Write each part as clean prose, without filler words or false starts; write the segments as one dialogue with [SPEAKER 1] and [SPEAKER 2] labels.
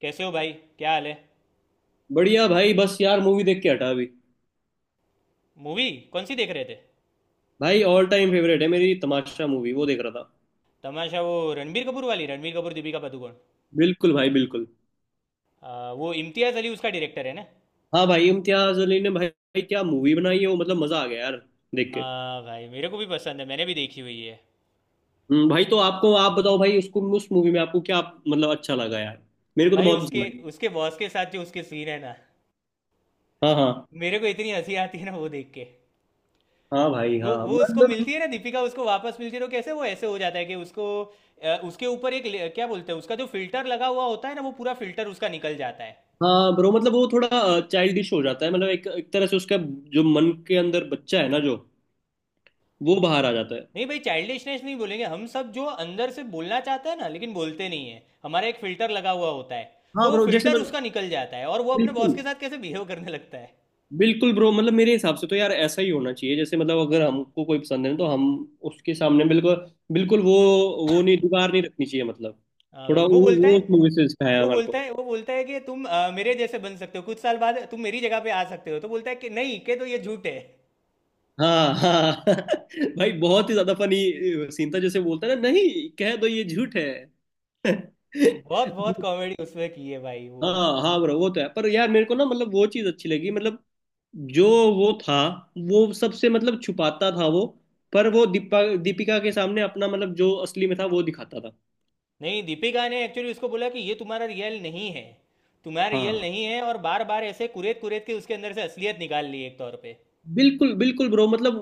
[SPEAKER 1] कैसे हो भाई? क्या हाल है?
[SPEAKER 2] बढ़िया भाई। बस यार मूवी देख के हटा अभी।
[SPEAKER 1] मूवी? कौन सी देख रहे थे?
[SPEAKER 2] भाई ऑल टाइम फेवरेट है मेरी, तमाशा मूवी वो देख रहा था।
[SPEAKER 1] तमाशा? वो रणबीर कपूर वाली? रणबीर कपूर, दीपिका पादुकोण।
[SPEAKER 2] बिल्कुल भाई बिल्कुल।
[SPEAKER 1] वो इम्तियाज़ अली उसका डायरेक्टर है ना।
[SPEAKER 2] हाँ भाई, इम्तियाज अली ने भाई क्या मूवी बनाई है वो, मतलब मजा आ गया यार देख के।
[SPEAKER 1] हाँ भाई, मेरे को भी पसंद है, मैंने भी देखी हुई है।
[SPEAKER 2] भाई तो आपको, आप बताओ भाई उसको, उस मूवी में आपको क्या मतलब अच्छा लगा यार? मेरे को तो
[SPEAKER 1] भाई
[SPEAKER 2] बहुत पसंद
[SPEAKER 1] उसके
[SPEAKER 2] आई।
[SPEAKER 1] उसके बॉस के साथ जो उसके सीन है ना,
[SPEAKER 2] हाँ हाँ।
[SPEAKER 1] मेरे को इतनी हंसी आती है ना वो देख के।
[SPEAKER 2] हाँ भाई
[SPEAKER 1] वो
[SPEAKER 2] हाँ
[SPEAKER 1] वो उसको
[SPEAKER 2] मतलब।
[SPEAKER 1] मिलती है ना, दीपिका उसको वापस मिलती है तो कैसे वो ऐसे हो जाता है कि उसको उसके ऊपर एक क्या बोलते हैं, उसका जो फिल्टर लगा हुआ होता है ना, वो पूरा फिल्टर उसका निकल जाता है।
[SPEAKER 2] हाँ ब्रो, मतलब वो थोड़ा चाइल्डिश हो जाता है, मतलब एक एक तरह से उसका जो मन के अंदर बच्चा है ना, जो वो बाहर आ जाता है।
[SPEAKER 1] नहीं भाई, चाइल्डिशनेस नहीं बोलेंगे, हम सब जो अंदर से बोलना चाहते हैं ना लेकिन बोलते नहीं है, हमारा एक फिल्टर लगा हुआ होता है। तो
[SPEAKER 2] हाँ
[SPEAKER 1] वो
[SPEAKER 2] ब्रो, जैसे मैं
[SPEAKER 1] फिल्टर उसका निकल जाता है और वो अपने बॉस
[SPEAKER 2] बिल्कुल
[SPEAKER 1] के साथ कैसे बिहेव करने लगता है।
[SPEAKER 2] बिल्कुल ब्रो, मतलब मेरे हिसाब से तो यार ऐसा ही होना चाहिए, जैसे मतलब अगर हमको कोई पसंद है तो हम उसके सामने बिल्कुल बिल्कुल वो नहीं, दीवार नहीं रखनी चाहिए मतलब।
[SPEAKER 1] हाँ
[SPEAKER 2] थोड़ा
[SPEAKER 1] भाई,
[SPEAKER 2] वो वो उस मूवी से इंस्पायर है हमारे को।
[SPEAKER 1] वो बोलता है कि तुम मेरे जैसे बन सकते हो, कुछ साल बाद तुम मेरी जगह पे आ सकते हो, तो बोलता है कि नहीं के तो ये झूठ है।
[SPEAKER 2] हाँ हाँ भाई बहुत ही ज्यादा फनी सीन था, जैसे बोलता है ना, नहीं कह दो ये झूठ है।
[SPEAKER 1] बहुत बहुत कॉमेडी उसमें की है भाई वो।
[SPEAKER 2] हाँ हाँ ब्रो वो तो है। पर यार मेरे को ना मतलब वो चीज अच्छी लगी मतलब, जो वो था वो सबसे मतलब छुपाता था वो, पर वो दीपा दीपिका के सामने अपना मतलब जो असली में था वो दिखाता था।
[SPEAKER 1] नहीं, दीपिका ने एक्चुअली उसको बोला कि ये तुम्हारा रियल नहीं है, तुम्हारा रियल
[SPEAKER 2] हाँ
[SPEAKER 1] नहीं है। और बार बार ऐसे कुरेद कुरेद के उसके अंदर से असलियत निकाल ली एक तौर पे।
[SPEAKER 2] बिल्कुल बिल्कुल ब्रो, मतलब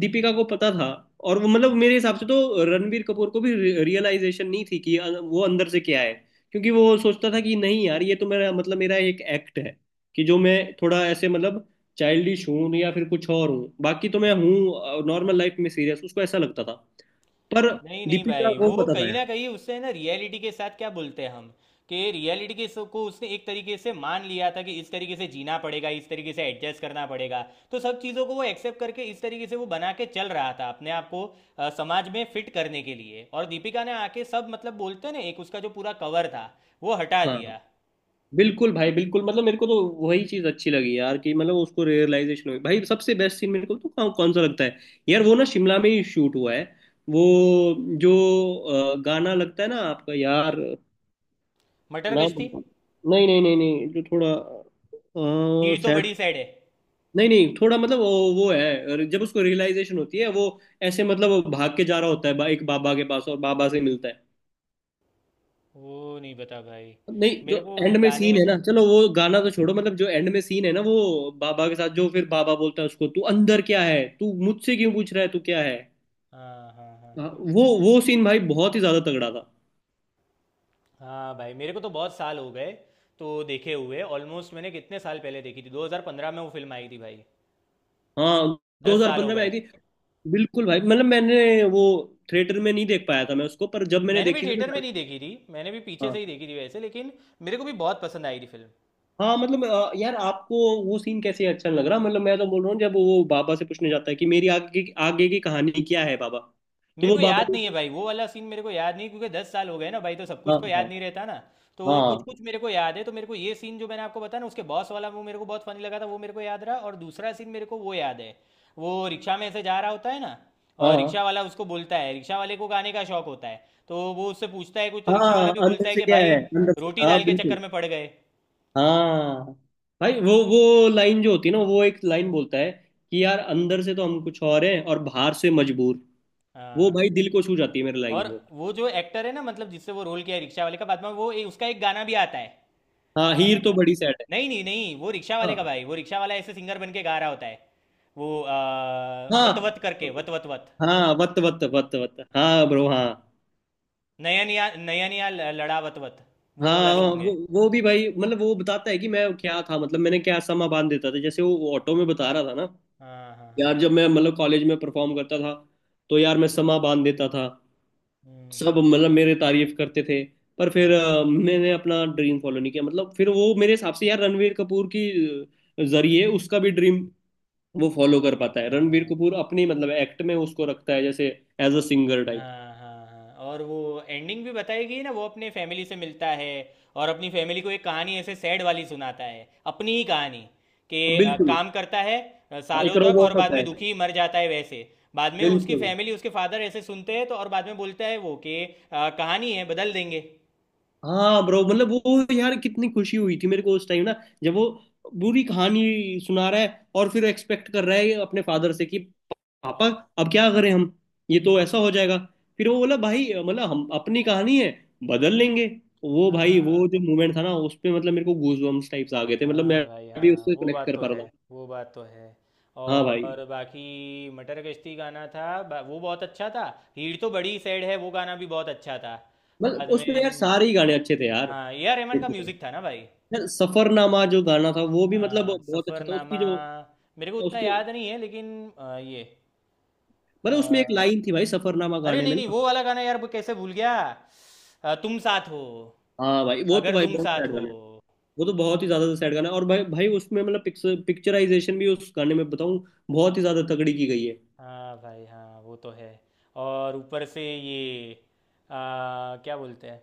[SPEAKER 2] दीपिका को पता था। और वो मतलब मेरे हिसाब से तो रणबीर कपूर को भी रियलाइजेशन नहीं थी कि वो अंदर से क्या है, क्योंकि वो सोचता था कि नहीं यार ये तो मेरा मतलब मेरा एक एक्ट है, कि जो मैं थोड़ा ऐसे मतलब चाइल्डिश हूँ या फिर कुछ और हूँ, बाकी तो मैं हूँ नॉर्मल लाइफ में सीरियस, उसको ऐसा लगता था। पर
[SPEAKER 1] नहीं नहीं
[SPEAKER 2] दीपिका
[SPEAKER 1] भाई,
[SPEAKER 2] को
[SPEAKER 1] वो
[SPEAKER 2] पता था
[SPEAKER 1] कहीं ना
[SPEAKER 2] यार।
[SPEAKER 1] कहीं उससे है ना रियलिटी के साथ, क्या बोलते हैं हम, कि रियलिटी को उसने एक तरीके से मान लिया था कि इस तरीके से जीना पड़ेगा, इस तरीके से एडजस्ट करना पड़ेगा। तो सब चीज़ों को वो एक्सेप्ट करके इस तरीके से वो बना के चल रहा था अपने आप को, समाज में फिट करने के लिए। और दीपिका ने आके सब, मतलब बोलते हैं ना, एक उसका जो पूरा कवर था वो हटा
[SPEAKER 2] हाँ
[SPEAKER 1] दिया।
[SPEAKER 2] बिल्कुल भाई बिल्कुल, मतलब मेरे को तो वही चीज अच्छी लगी यार, कि मतलब उसको रियलाइजेशन हुई। भाई सबसे बेस्ट सीन मेरे को तो कौन, कौन सा लगता है यार, वो ना शिमला में ही शूट हुआ है, वो जो गाना लगता है ना आपका यार?
[SPEAKER 1] मटर
[SPEAKER 2] ना,
[SPEAKER 1] गश्ती।
[SPEAKER 2] नहीं नहीं नहीं नहीं, जो थोड़ा
[SPEAKER 1] भीड़ तो
[SPEAKER 2] सैड।
[SPEAKER 1] बड़ी साइड है।
[SPEAKER 2] नहीं नहीं थोड़ा मतलब वो है, और जब उसको रियलाइजेशन होती है वो ऐसे मतलब वो भाग के जा रहा होता है एक बाबा के पास, और बाबा से मिलता है।
[SPEAKER 1] वो नहीं पता भाई।
[SPEAKER 2] नहीं जो
[SPEAKER 1] मेरे को
[SPEAKER 2] एंड में
[SPEAKER 1] गाने।
[SPEAKER 2] सीन है ना, चलो वो गाना तो छोड़ो, मतलब जो एंड में सीन है ना वो बाबा के साथ, जो फिर बाबा बोलता है उसको, तू अंदर क्या है, तू मुझसे क्यों पूछ रहा है, तू क्या है।
[SPEAKER 1] हाँ हाँ हाँ।
[SPEAKER 2] हाँ, वो सीन भाई बहुत ही ज्यादा तगड़ा था।
[SPEAKER 1] हाँ भाई, मेरे को तो बहुत साल हो गए तो देखे हुए। ऑलमोस्ट मैंने कितने साल पहले देखी थी? 2015 में वो फिल्म आई थी भाई।
[SPEAKER 2] हाँ
[SPEAKER 1] 10 साल हो
[SPEAKER 2] 2015 में
[SPEAKER 1] गए।
[SPEAKER 2] आई थी? बिल्कुल भाई, मतलब मैंने वो थिएटर में नहीं देख पाया था मैं उसको, पर जब मैंने
[SPEAKER 1] मैंने भी
[SPEAKER 2] देखी थी ना
[SPEAKER 1] थिएटर में
[SPEAKER 2] भाई।
[SPEAKER 1] नहीं देखी थी, मैंने भी पीछे से ही
[SPEAKER 2] हाँ
[SPEAKER 1] देखी थी वैसे, लेकिन मेरे को भी बहुत पसंद आई थी फिल्म।
[SPEAKER 2] हाँ, मतलब यार आपको वो सीन कैसे अच्छा नहीं लग रहा? मतलब मैं तो बोल रहा हूँ, जब वो बाबा से पूछने जाता है कि मेरी आगे आगे की कहानी क्या है बाबा, तो
[SPEAKER 1] मेरे
[SPEAKER 2] वो
[SPEAKER 1] को याद
[SPEAKER 2] बाबा
[SPEAKER 1] नहीं है भाई, वो वाला सीन मेरे को याद नहीं, क्योंकि 10 साल हो गए ना भाई, तो सब कुछ
[SPEAKER 2] हाँ
[SPEAKER 1] तो याद
[SPEAKER 2] हाँ
[SPEAKER 1] नहीं रहता ना। तो कुछ
[SPEAKER 2] हाँ
[SPEAKER 1] कुछ मेरे को याद है, तो मेरे को ये सीन जो मैंने आपको बताया ना उसके बॉस वाला, वो मेरे को बहुत फनी लगा था, वो मेरे को याद रहा। और दूसरा सीन मेरे को वो याद है, वो रिक्शा में ऐसे जा रहा होता है ना,
[SPEAKER 2] हाँ
[SPEAKER 1] और रिक्शा
[SPEAKER 2] हाँ।"
[SPEAKER 1] वाला उसको बोलता है, रिक्शा वाले को गाने का शौक होता है तो वो उससे पूछता है कुछ, तो रिक्शा वाला
[SPEAKER 2] हाँ
[SPEAKER 1] भी बोलता
[SPEAKER 2] अंदर
[SPEAKER 1] है
[SPEAKER 2] से
[SPEAKER 1] कि
[SPEAKER 2] क्या
[SPEAKER 1] भाई
[SPEAKER 2] है अंदर से,
[SPEAKER 1] रोटी
[SPEAKER 2] हाँ
[SPEAKER 1] दाल के चक्कर
[SPEAKER 2] बिल्कुल।
[SPEAKER 1] में पड़ गए।
[SPEAKER 2] हाँ भाई वो लाइन जो होती है ना, वो एक लाइन बोलता है कि यार अंदर से तो हम कुछ और हैं और बाहर से मजबूर, वो
[SPEAKER 1] हाँ
[SPEAKER 2] भाई
[SPEAKER 1] हाँ।
[SPEAKER 2] दिल को छू जाती है मेरी लाइन
[SPEAKER 1] और
[SPEAKER 2] वो।
[SPEAKER 1] वो जो एक्टर है ना, मतलब जिससे वो रोल किया है रिक्शा वाले का, बाद में वो उसका एक गाना भी आता है।
[SPEAKER 2] हाँ
[SPEAKER 1] अ,
[SPEAKER 2] हीर तो बड़ी सैड है।
[SPEAKER 1] नहीं नहीं नहीं, वो रिक्शा वाले का
[SPEAKER 2] हाँ
[SPEAKER 1] भाई, वो रिक्शा वाला ऐसे सिंगर बन के गा रहा होता है वो।
[SPEAKER 2] हाँ,
[SPEAKER 1] वत वत करके, वत वत वत,
[SPEAKER 2] हाँ वत वत वत वत, हाँ ब्रो हाँ।
[SPEAKER 1] नयनिया नयनिया लड़ा वत वत। वो वाला
[SPEAKER 2] हाँ
[SPEAKER 1] सॉन्ग है।
[SPEAKER 2] वो भी भाई मतलब वो बताता है कि मैं क्या था, मतलब मैंने क्या समा बांध देता था, जैसे वो ऑटो में बता रहा था ना,
[SPEAKER 1] हाँ हाँ हाँ।
[SPEAKER 2] यार जब मैं मतलब कॉलेज में परफॉर्म करता था, तो यार मैं समा बांध देता था, सब
[SPEAKER 1] हम्म।
[SPEAKER 2] मतलब मेरे तारीफ करते थे। पर फिर
[SPEAKER 1] हाँ
[SPEAKER 2] मैंने अपना ड्रीम फॉलो नहीं किया, मतलब फिर वो मेरे हिसाब से यार रणवीर कपूर की जरिए उसका भी ड्रीम वो
[SPEAKER 1] हाँ
[SPEAKER 2] फॉलो कर
[SPEAKER 1] हाँ।
[SPEAKER 2] पाता
[SPEAKER 1] हाँ,
[SPEAKER 2] है। रणवीर
[SPEAKER 1] हाँ।
[SPEAKER 2] कपूर अपनी मतलब एक्ट में उसको रखता है जैसे एज अ सिंगर टाइप।
[SPEAKER 1] हाँ हाँ हाँ। और वो एंडिंग भी बताएगी ना, वो अपने फैमिली से मिलता है और अपनी फैमिली को एक कहानी ऐसे सैड वाली सुनाता है, अपनी ही कहानी, कि
[SPEAKER 2] बिल्कुल।
[SPEAKER 1] काम करता है
[SPEAKER 2] हाँ, एक
[SPEAKER 1] सालों तक और
[SPEAKER 2] रोबोट
[SPEAKER 1] बाद
[SPEAKER 2] होता है।
[SPEAKER 1] में दुखी मर जाता है वैसे। बाद में उसकी
[SPEAKER 2] बिल्कुल।
[SPEAKER 1] फैमिली, उसके फादर ऐसे सुनते हैं तो, और बाद में बोलता है वो कि कहानी है, बदल देंगे।
[SPEAKER 2] हाँ ब्रो मतलब वो यार कितनी खुशी हुई थी मेरे को उस टाइम ना, जब वो पूरी कहानी सुना रहा है और फिर एक्सपेक्ट कर रहा है अपने फादर से कि पापा अब क्या करें हम, ये तो ऐसा हो जाएगा। फिर वो बोला भाई मतलब हम अपनी कहानी है बदल लेंगे। वो भाई
[SPEAKER 1] हाँ
[SPEAKER 2] वो जो मोमेंट था ना उस पे, मतलब मेरे को गूजबम्स टाइप्स आ गए थे, मतलब
[SPEAKER 1] हाँ
[SPEAKER 2] मैं
[SPEAKER 1] भाई,
[SPEAKER 2] भी
[SPEAKER 1] हाँ
[SPEAKER 2] उससे
[SPEAKER 1] वो
[SPEAKER 2] कनेक्ट
[SPEAKER 1] बात
[SPEAKER 2] कर
[SPEAKER 1] तो
[SPEAKER 2] पा
[SPEAKER 1] है,
[SPEAKER 2] रहा
[SPEAKER 1] वो बात तो है।
[SPEAKER 2] था। हाँ भाई,
[SPEAKER 1] और बाकी मटर गश्ती गाना था, वो बहुत अच्छा था। हीड़ तो बड़ी सैड है, वो गाना भी बहुत अच्छा था।
[SPEAKER 2] मतलब
[SPEAKER 1] बाद
[SPEAKER 2] उसमें यार
[SPEAKER 1] में।
[SPEAKER 2] सारे ही गाने अच्छे थे यार।
[SPEAKER 1] हाँ, ए आर रहमान का
[SPEAKER 2] देखते थे।
[SPEAKER 1] म्यूज़िक था ना भाई।
[SPEAKER 2] यार सफरनामा जो गाना था वो भी मतलब
[SPEAKER 1] हाँ
[SPEAKER 2] बहुत अच्छा था,
[SPEAKER 1] सफ़रनामा।
[SPEAKER 2] उसकी जो
[SPEAKER 1] मेरे को उतना
[SPEAKER 2] उसकी,
[SPEAKER 1] याद नहीं है लेकिन अ, ये
[SPEAKER 2] मतलब उसमें एक
[SPEAKER 1] अ,
[SPEAKER 2] लाइन थी भाई सफरनामा
[SPEAKER 1] अरे
[SPEAKER 2] गाने
[SPEAKER 1] नहीं
[SPEAKER 2] में
[SPEAKER 1] नहीं, वो
[SPEAKER 2] ना।
[SPEAKER 1] वाला गाना यार, कैसे भूल गया। तुम साथ हो,
[SPEAKER 2] हाँ भाई वो तो
[SPEAKER 1] अगर
[SPEAKER 2] भाई
[SPEAKER 1] तुम
[SPEAKER 2] बहुत
[SPEAKER 1] साथ
[SPEAKER 2] सैड
[SPEAKER 1] हो।
[SPEAKER 2] गाना है, वो तो बहुत ही ज्यादा सैड गाना है। और भाई भाई उसमें मतलब पिक्चराइजेशन भी उस गाने में बताऊं, बहुत ही ज्यादा तगड़ी की गई है।
[SPEAKER 1] हाँ भाई, हाँ वो तो है। और ऊपर से ये, क्या बोलते हैं,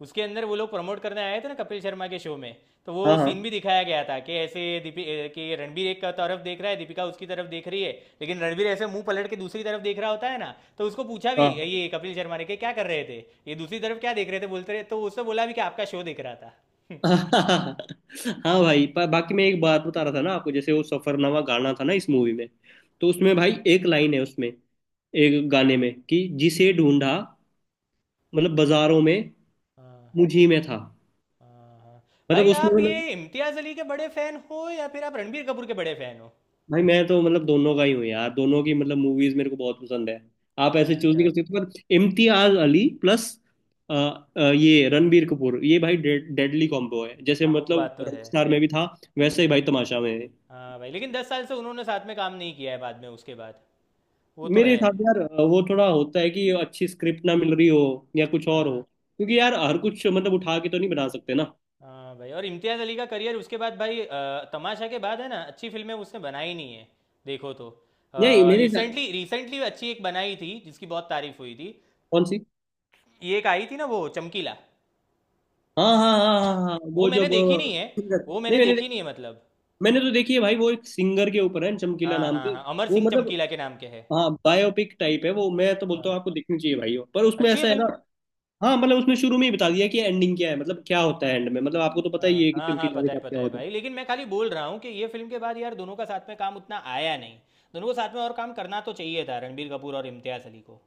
[SPEAKER 1] उसके अंदर वो लोग प्रमोट करने आए थे ना कपिल शर्मा के शो में। तो वो
[SPEAKER 2] हाँ
[SPEAKER 1] सीन
[SPEAKER 2] हाँ
[SPEAKER 1] भी दिखाया गया था कि ऐसे कि रणबीर एक तरफ देख रहा है, दीपिका उसकी तरफ देख रही है, लेकिन रणबीर ऐसे मुंह पलट के दूसरी तरफ देख रहा होता है ना, तो उसको पूछा भी ये कपिल शर्मा ने कि क्या कर रहे थे, ये दूसरी तरफ क्या देख रहे थे, बोलते रहे तो उसने बोला भी कि आपका शो देख रहा था।
[SPEAKER 2] हाँ हाँ भाई। पर बाकी मैं एक बात बता रहा था ना आपको, जैसे वो सफरनामा गाना था ना इस मूवी में, तो उसमें भाई एक लाइन है उसमें, एक गाने में कि जिसे ढूंढा मतलब बाजारों में,
[SPEAKER 1] हाँ,
[SPEAKER 2] मुझी में था।
[SPEAKER 1] हाँ, हाँ।
[SPEAKER 2] मतलब
[SPEAKER 1] भाई
[SPEAKER 2] उसमें
[SPEAKER 1] आप
[SPEAKER 2] मतलब,
[SPEAKER 1] ये इम्तियाज अली के बड़े फैन हो, या फिर आप रणबीर कपूर के बड़े फैन हो?
[SPEAKER 2] भाई मैं तो मतलब दोनों का ही हूँ यार, दोनों की मतलब मूवीज मेरे को बहुत पसंद है, आप ऐसे चूज नहीं
[SPEAKER 1] अच्छा।
[SPEAKER 2] कर सकते। पर इम्तियाज अली प्लस अ, ये रणबीर कपूर, ये भाई डेडली कॉम्बो है, जैसे
[SPEAKER 1] हाँ वो
[SPEAKER 2] मतलब
[SPEAKER 1] बात तो है।
[SPEAKER 2] रॉकस्टार में भी था वैसे ही भाई
[SPEAKER 1] हाँ
[SPEAKER 2] तमाशा में है।
[SPEAKER 1] हाँ भाई, लेकिन 10 साल से उन्होंने साथ में काम नहीं किया है बाद में, उसके बाद। वो तो
[SPEAKER 2] मेरे
[SPEAKER 1] है।
[SPEAKER 2] हिसाब से यार वो थोड़ा होता है कि अच्छी स्क्रिप्ट ना मिल रही हो या कुछ और हो,
[SPEAKER 1] हाँ
[SPEAKER 2] क्योंकि यार हर कुछ मतलब उठा के तो नहीं बना सकते ना।
[SPEAKER 1] हाँ भाई, और इम्तियाज़ अली का करियर उसके बाद भाई, तमाशा के बाद है ना, अच्छी फिल्में उसने बनाई नहीं है, देखो तो।
[SPEAKER 2] नहीं मेरे हिसाब।
[SPEAKER 1] रिसेंटली रिसेंटली अच्छी एक बनाई थी जिसकी बहुत तारीफ हुई थी।
[SPEAKER 2] कौन सी?
[SPEAKER 1] ये एक आई थी ना, वो चमकीला।
[SPEAKER 2] हाँ हाँ हाँ हाँ हाँ हाँ,
[SPEAKER 1] वो
[SPEAKER 2] वो जो
[SPEAKER 1] मैंने देखी नहीं है,
[SPEAKER 2] सिंगर।
[SPEAKER 1] वो
[SPEAKER 2] नहीं
[SPEAKER 1] मैंने
[SPEAKER 2] मैंने,
[SPEAKER 1] देखी नहीं है मतलब।
[SPEAKER 2] मैंने तो देखी है भाई, वो एक सिंगर के ऊपर है चमकीला
[SPEAKER 1] हाँ
[SPEAKER 2] नाम
[SPEAKER 1] हाँ
[SPEAKER 2] से
[SPEAKER 1] हाँ, अमर
[SPEAKER 2] वो
[SPEAKER 1] सिंह
[SPEAKER 2] मतलब।
[SPEAKER 1] चमकीला के नाम के है।
[SPEAKER 2] हाँ बायोपिक टाइप है वो, मैं तो बोलता
[SPEAKER 1] हाँ,
[SPEAKER 2] हूँ आपको देखनी चाहिए भाई वो, पर उसमें
[SPEAKER 1] अच्छी है
[SPEAKER 2] ऐसा है
[SPEAKER 1] फिल्म।
[SPEAKER 2] ना हाँ मतलब उसने शुरू में ही बता दिया कि एंडिंग क्या है, मतलब क्या होता है एंड में, मतलब आपको तो पता ही
[SPEAKER 1] हाँ
[SPEAKER 2] है कि
[SPEAKER 1] हाँ हाँ,
[SPEAKER 2] चमकीला के साथ क्या
[SPEAKER 1] पता है
[SPEAKER 2] होता है।
[SPEAKER 1] भाई, लेकिन मैं खाली बोल रहा हूँ कि ये फिल्म के बाद यार दोनों का साथ में काम उतना आया नहीं। दोनों को साथ में और काम करना तो चाहिए था, रणबीर कपूर और इम्तियाज अली को,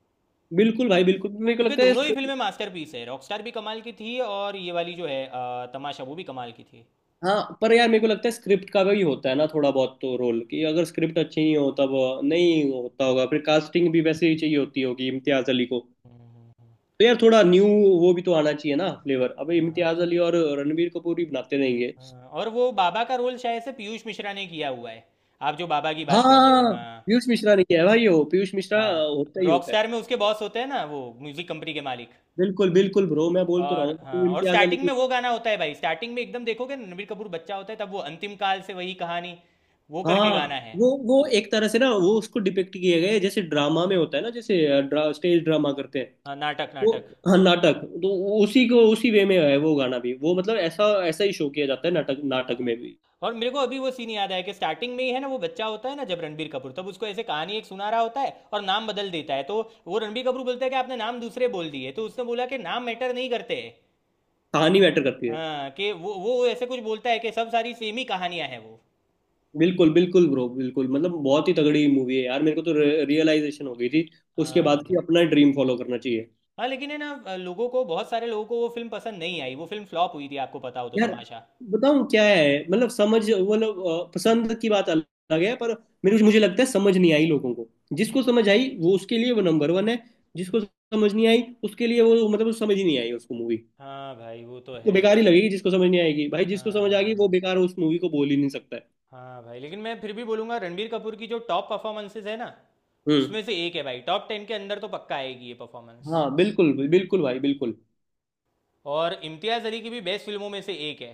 [SPEAKER 2] बिल्कुल भाई बिल्कुल, मेरे को
[SPEAKER 1] क्योंकि
[SPEAKER 2] लगता है।
[SPEAKER 1] दोनों ही फिल्में मास्टरपीस है, रॉकस्टार भी कमाल की थी और ये वाली जो है तमाशा, वो भी कमाल की थी।
[SPEAKER 2] हाँ पर यार मेरे को लगता है स्क्रिप्ट का भी होता है ना थोड़ा बहुत तो रोल, कि अगर स्क्रिप्ट अच्छी नहीं हो तब नहीं होता होगा, फिर कास्टिंग भी वैसे ही चाहिए होती होगी इम्तियाज अली को।
[SPEAKER 1] हम्म, हम्म,
[SPEAKER 2] तो यार थोड़ा न्यू वो भी तो आना चाहिए ना फ्लेवर, अब
[SPEAKER 1] हम्म। हाँ,
[SPEAKER 2] इम्तियाज अली और रणबीर कपूर ही बनाते रहेंगे?
[SPEAKER 1] हाँ, हाँ। और वो बाबा का रोल शायद से पीयूष मिश्रा ने किया हुआ है। आप जो बाबा की बात कर रहे हो,
[SPEAKER 2] हाँ
[SPEAKER 1] हाँ?
[SPEAKER 2] पीयूष मिश्रा ने किया है भाई वो, पीयूष मिश्रा
[SPEAKER 1] हाँ।
[SPEAKER 2] होता ही होता है।
[SPEAKER 1] रॉकस्टार में उसके बॉस होते हैं ना, वो म्यूजिक कंपनी के मालिक।
[SPEAKER 2] बिल्कुल बिल्कुल ब्रो, मैं बोल तो रहा
[SPEAKER 1] और
[SPEAKER 2] हूँ
[SPEAKER 1] हाँ,
[SPEAKER 2] आपको
[SPEAKER 1] और
[SPEAKER 2] इम्तियाज अली
[SPEAKER 1] स्टार्टिंग में
[SPEAKER 2] की।
[SPEAKER 1] वो गाना होता है भाई, स्टार्टिंग में एकदम देखोगे ना, रणबीर कपूर बच्चा होता है तब, वो अंतिम काल से वही कहानी वो करके गाना
[SPEAKER 2] हाँ
[SPEAKER 1] है।
[SPEAKER 2] वो एक तरह से ना वो उसको डिपिक्ट किया गया है, जैसे ड्रामा में होता है ना, जैसे स्टेज ड्रामा करते हैं
[SPEAKER 1] हाँ नाटक
[SPEAKER 2] वो।
[SPEAKER 1] नाटक।
[SPEAKER 2] हाँ नाटक तो उसी को उसी वे में है, वो गाना भी वो मतलब ऐसा ऐसा ही शो किया जाता है नाटक नाटक
[SPEAKER 1] हाँ,
[SPEAKER 2] में भी।
[SPEAKER 1] और मेरे को अभी वो सीन याद आया कि स्टार्टिंग में ही है ना, वो बच्चा होता है ना जब रणबीर कपूर, तब उसको ऐसे कहानी एक सुना रहा होता है और नाम बदल देता है तो, वो रणबीर कपूर बोलता है कि आपने नाम दूसरे बोल दिए, तो उसने बोला कि नाम मैटर नहीं करते।
[SPEAKER 2] कहानी मैटर करती है।
[SPEAKER 1] हाँ, कि वो ऐसे कुछ बोलता है कि सब सारी सेम ही कहानियां हैं वो।
[SPEAKER 2] बिल्कुल बिल्कुल ब्रो बिल्कुल, मतलब बहुत ही तगड़ी मूवी है यार, मेरे को तो रियलाइजेशन हो गई थी उसके
[SPEAKER 1] हाँ
[SPEAKER 2] बाद
[SPEAKER 1] भाई,
[SPEAKER 2] कि अपना ड्रीम फॉलो करना चाहिए।
[SPEAKER 1] हाँ लेकिन है ना, लोगों को, बहुत सारे लोगों को वो फिल्म पसंद नहीं आई, वो फिल्म फ्लॉप हुई थी आपको पता हो तो,
[SPEAKER 2] यार
[SPEAKER 1] तमाशा।
[SPEAKER 2] बताऊं क्या है, मतलब समझ मतलब पसंद की बात अलग है, पर मेरे मुझे लगता है समझ नहीं आई लोगों को, जिसको समझ आई वो उसके लिए वो नंबर वन है, जिसको समझ नहीं आई उसके लिए वो मतलब वो समझ ही नहीं आई उसको मूवी,
[SPEAKER 1] हाँ भाई वो तो
[SPEAKER 2] उसको
[SPEAKER 1] है।
[SPEAKER 2] बेकार ही लगेगी। जिसको समझ नहीं आएगी भाई, जिसको
[SPEAKER 1] हाँ
[SPEAKER 2] समझ आ
[SPEAKER 1] हाँ
[SPEAKER 2] गई वो
[SPEAKER 1] हाँ।
[SPEAKER 2] बेकार उस मूवी को बोल ही नहीं सकता है।
[SPEAKER 1] हाँ भाई, लेकिन मैं फिर भी बोलूँगा, रणबीर कपूर की जो टॉप परफॉर्मेंसेज है ना,
[SPEAKER 2] हम्म।
[SPEAKER 1] उसमें से एक है भाई, टॉप 10 के अंदर तो पक्का आएगी ये परफॉर्मेंस।
[SPEAKER 2] हाँ बिल्कुल बिल्कुल भाई बिल्कुल।
[SPEAKER 1] और इम्तियाज़ अली की भी बेस्ट फिल्मों में से एक है।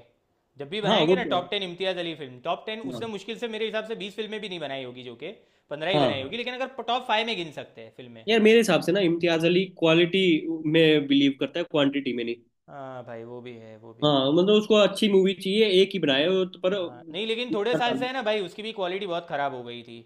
[SPEAKER 1] जब भी
[SPEAKER 2] हाँ
[SPEAKER 1] बनाएंगे
[SPEAKER 2] वो
[SPEAKER 1] ना
[SPEAKER 2] तो
[SPEAKER 1] टॉप
[SPEAKER 2] है।
[SPEAKER 1] Ten Imtiaz Ali film, top 10, उसने
[SPEAKER 2] हाँ
[SPEAKER 1] मुश्किल से, मेरे हिसाब से 20 फिल्में भी नहीं बनाई होगी, जो कि 15 ही बनाई होगी,
[SPEAKER 2] हाँ,
[SPEAKER 1] लेकिन अगर टॉप फाइव में गिन सकते हैं फिल्में।
[SPEAKER 2] यार मेरे हिसाब से ना इम्तियाज अली क्वालिटी में बिलीव करता है क्वांटिटी में नहीं।
[SPEAKER 1] हाँ भाई वो भी है, वो भी है।
[SPEAKER 2] हाँ मतलब उसको अच्छी मूवी चाहिए एक ही बनाए वो तो, पर
[SPEAKER 1] हाँ, नहीं लेकिन थोड़े
[SPEAKER 2] हर
[SPEAKER 1] साल से
[SPEAKER 2] साल।
[SPEAKER 1] है ना भाई, उसकी भी क्वालिटी बहुत खराब हो गई थी।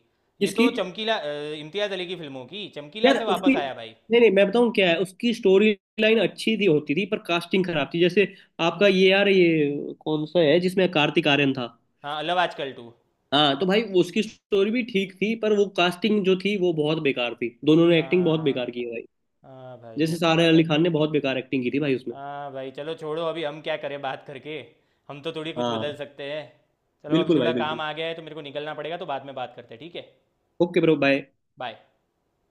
[SPEAKER 1] ये
[SPEAKER 2] किसकी?
[SPEAKER 1] तो चमकीला, इम्तियाज अली की फिल्मों की, चमकीला
[SPEAKER 2] यार
[SPEAKER 1] से
[SPEAKER 2] उसकी,
[SPEAKER 1] वापस आया भाई।
[SPEAKER 2] नहीं नहीं मैं बताऊँ क्या है, उसकी स्टोरी लाइन अच्छी थी होती थी, पर कास्टिंग खराब थी। जैसे आपका ये यार ये कौन सा है जिसमें कार्तिक आर्यन था?
[SPEAKER 1] हाँ लव आजकल टू।
[SPEAKER 2] हाँ तो भाई उसकी स्टोरी भी ठीक थी, पर वो कास्टिंग जो थी वो बहुत बेकार थी, दोनों ने एक्टिंग
[SPEAKER 1] हाँ
[SPEAKER 2] बहुत बेकार
[SPEAKER 1] हाँ
[SPEAKER 2] की है भाई,
[SPEAKER 1] हाँ भाई वो
[SPEAKER 2] जैसे
[SPEAKER 1] तो है।
[SPEAKER 2] सारा अली खान ने बहुत बेकार एक्टिंग की थी भाई उसमें।
[SPEAKER 1] हाँ भाई, चलो छोड़ो, अभी हम क्या करें बात करके, हम तो थोड़ी कुछ बदल
[SPEAKER 2] हाँ
[SPEAKER 1] सकते हैं। चलो, अभी
[SPEAKER 2] बिल्कुल
[SPEAKER 1] थोड़ा
[SPEAKER 2] भाई
[SPEAKER 1] काम
[SPEAKER 2] बिल्कुल।
[SPEAKER 1] आ गया है तो मेरे को निकलना पड़ेगा, तो बाद में बात करते हैं, ठीक है?
[SPEAKER 2] Okay bro, bye.
[SPEAKER 1] बाय।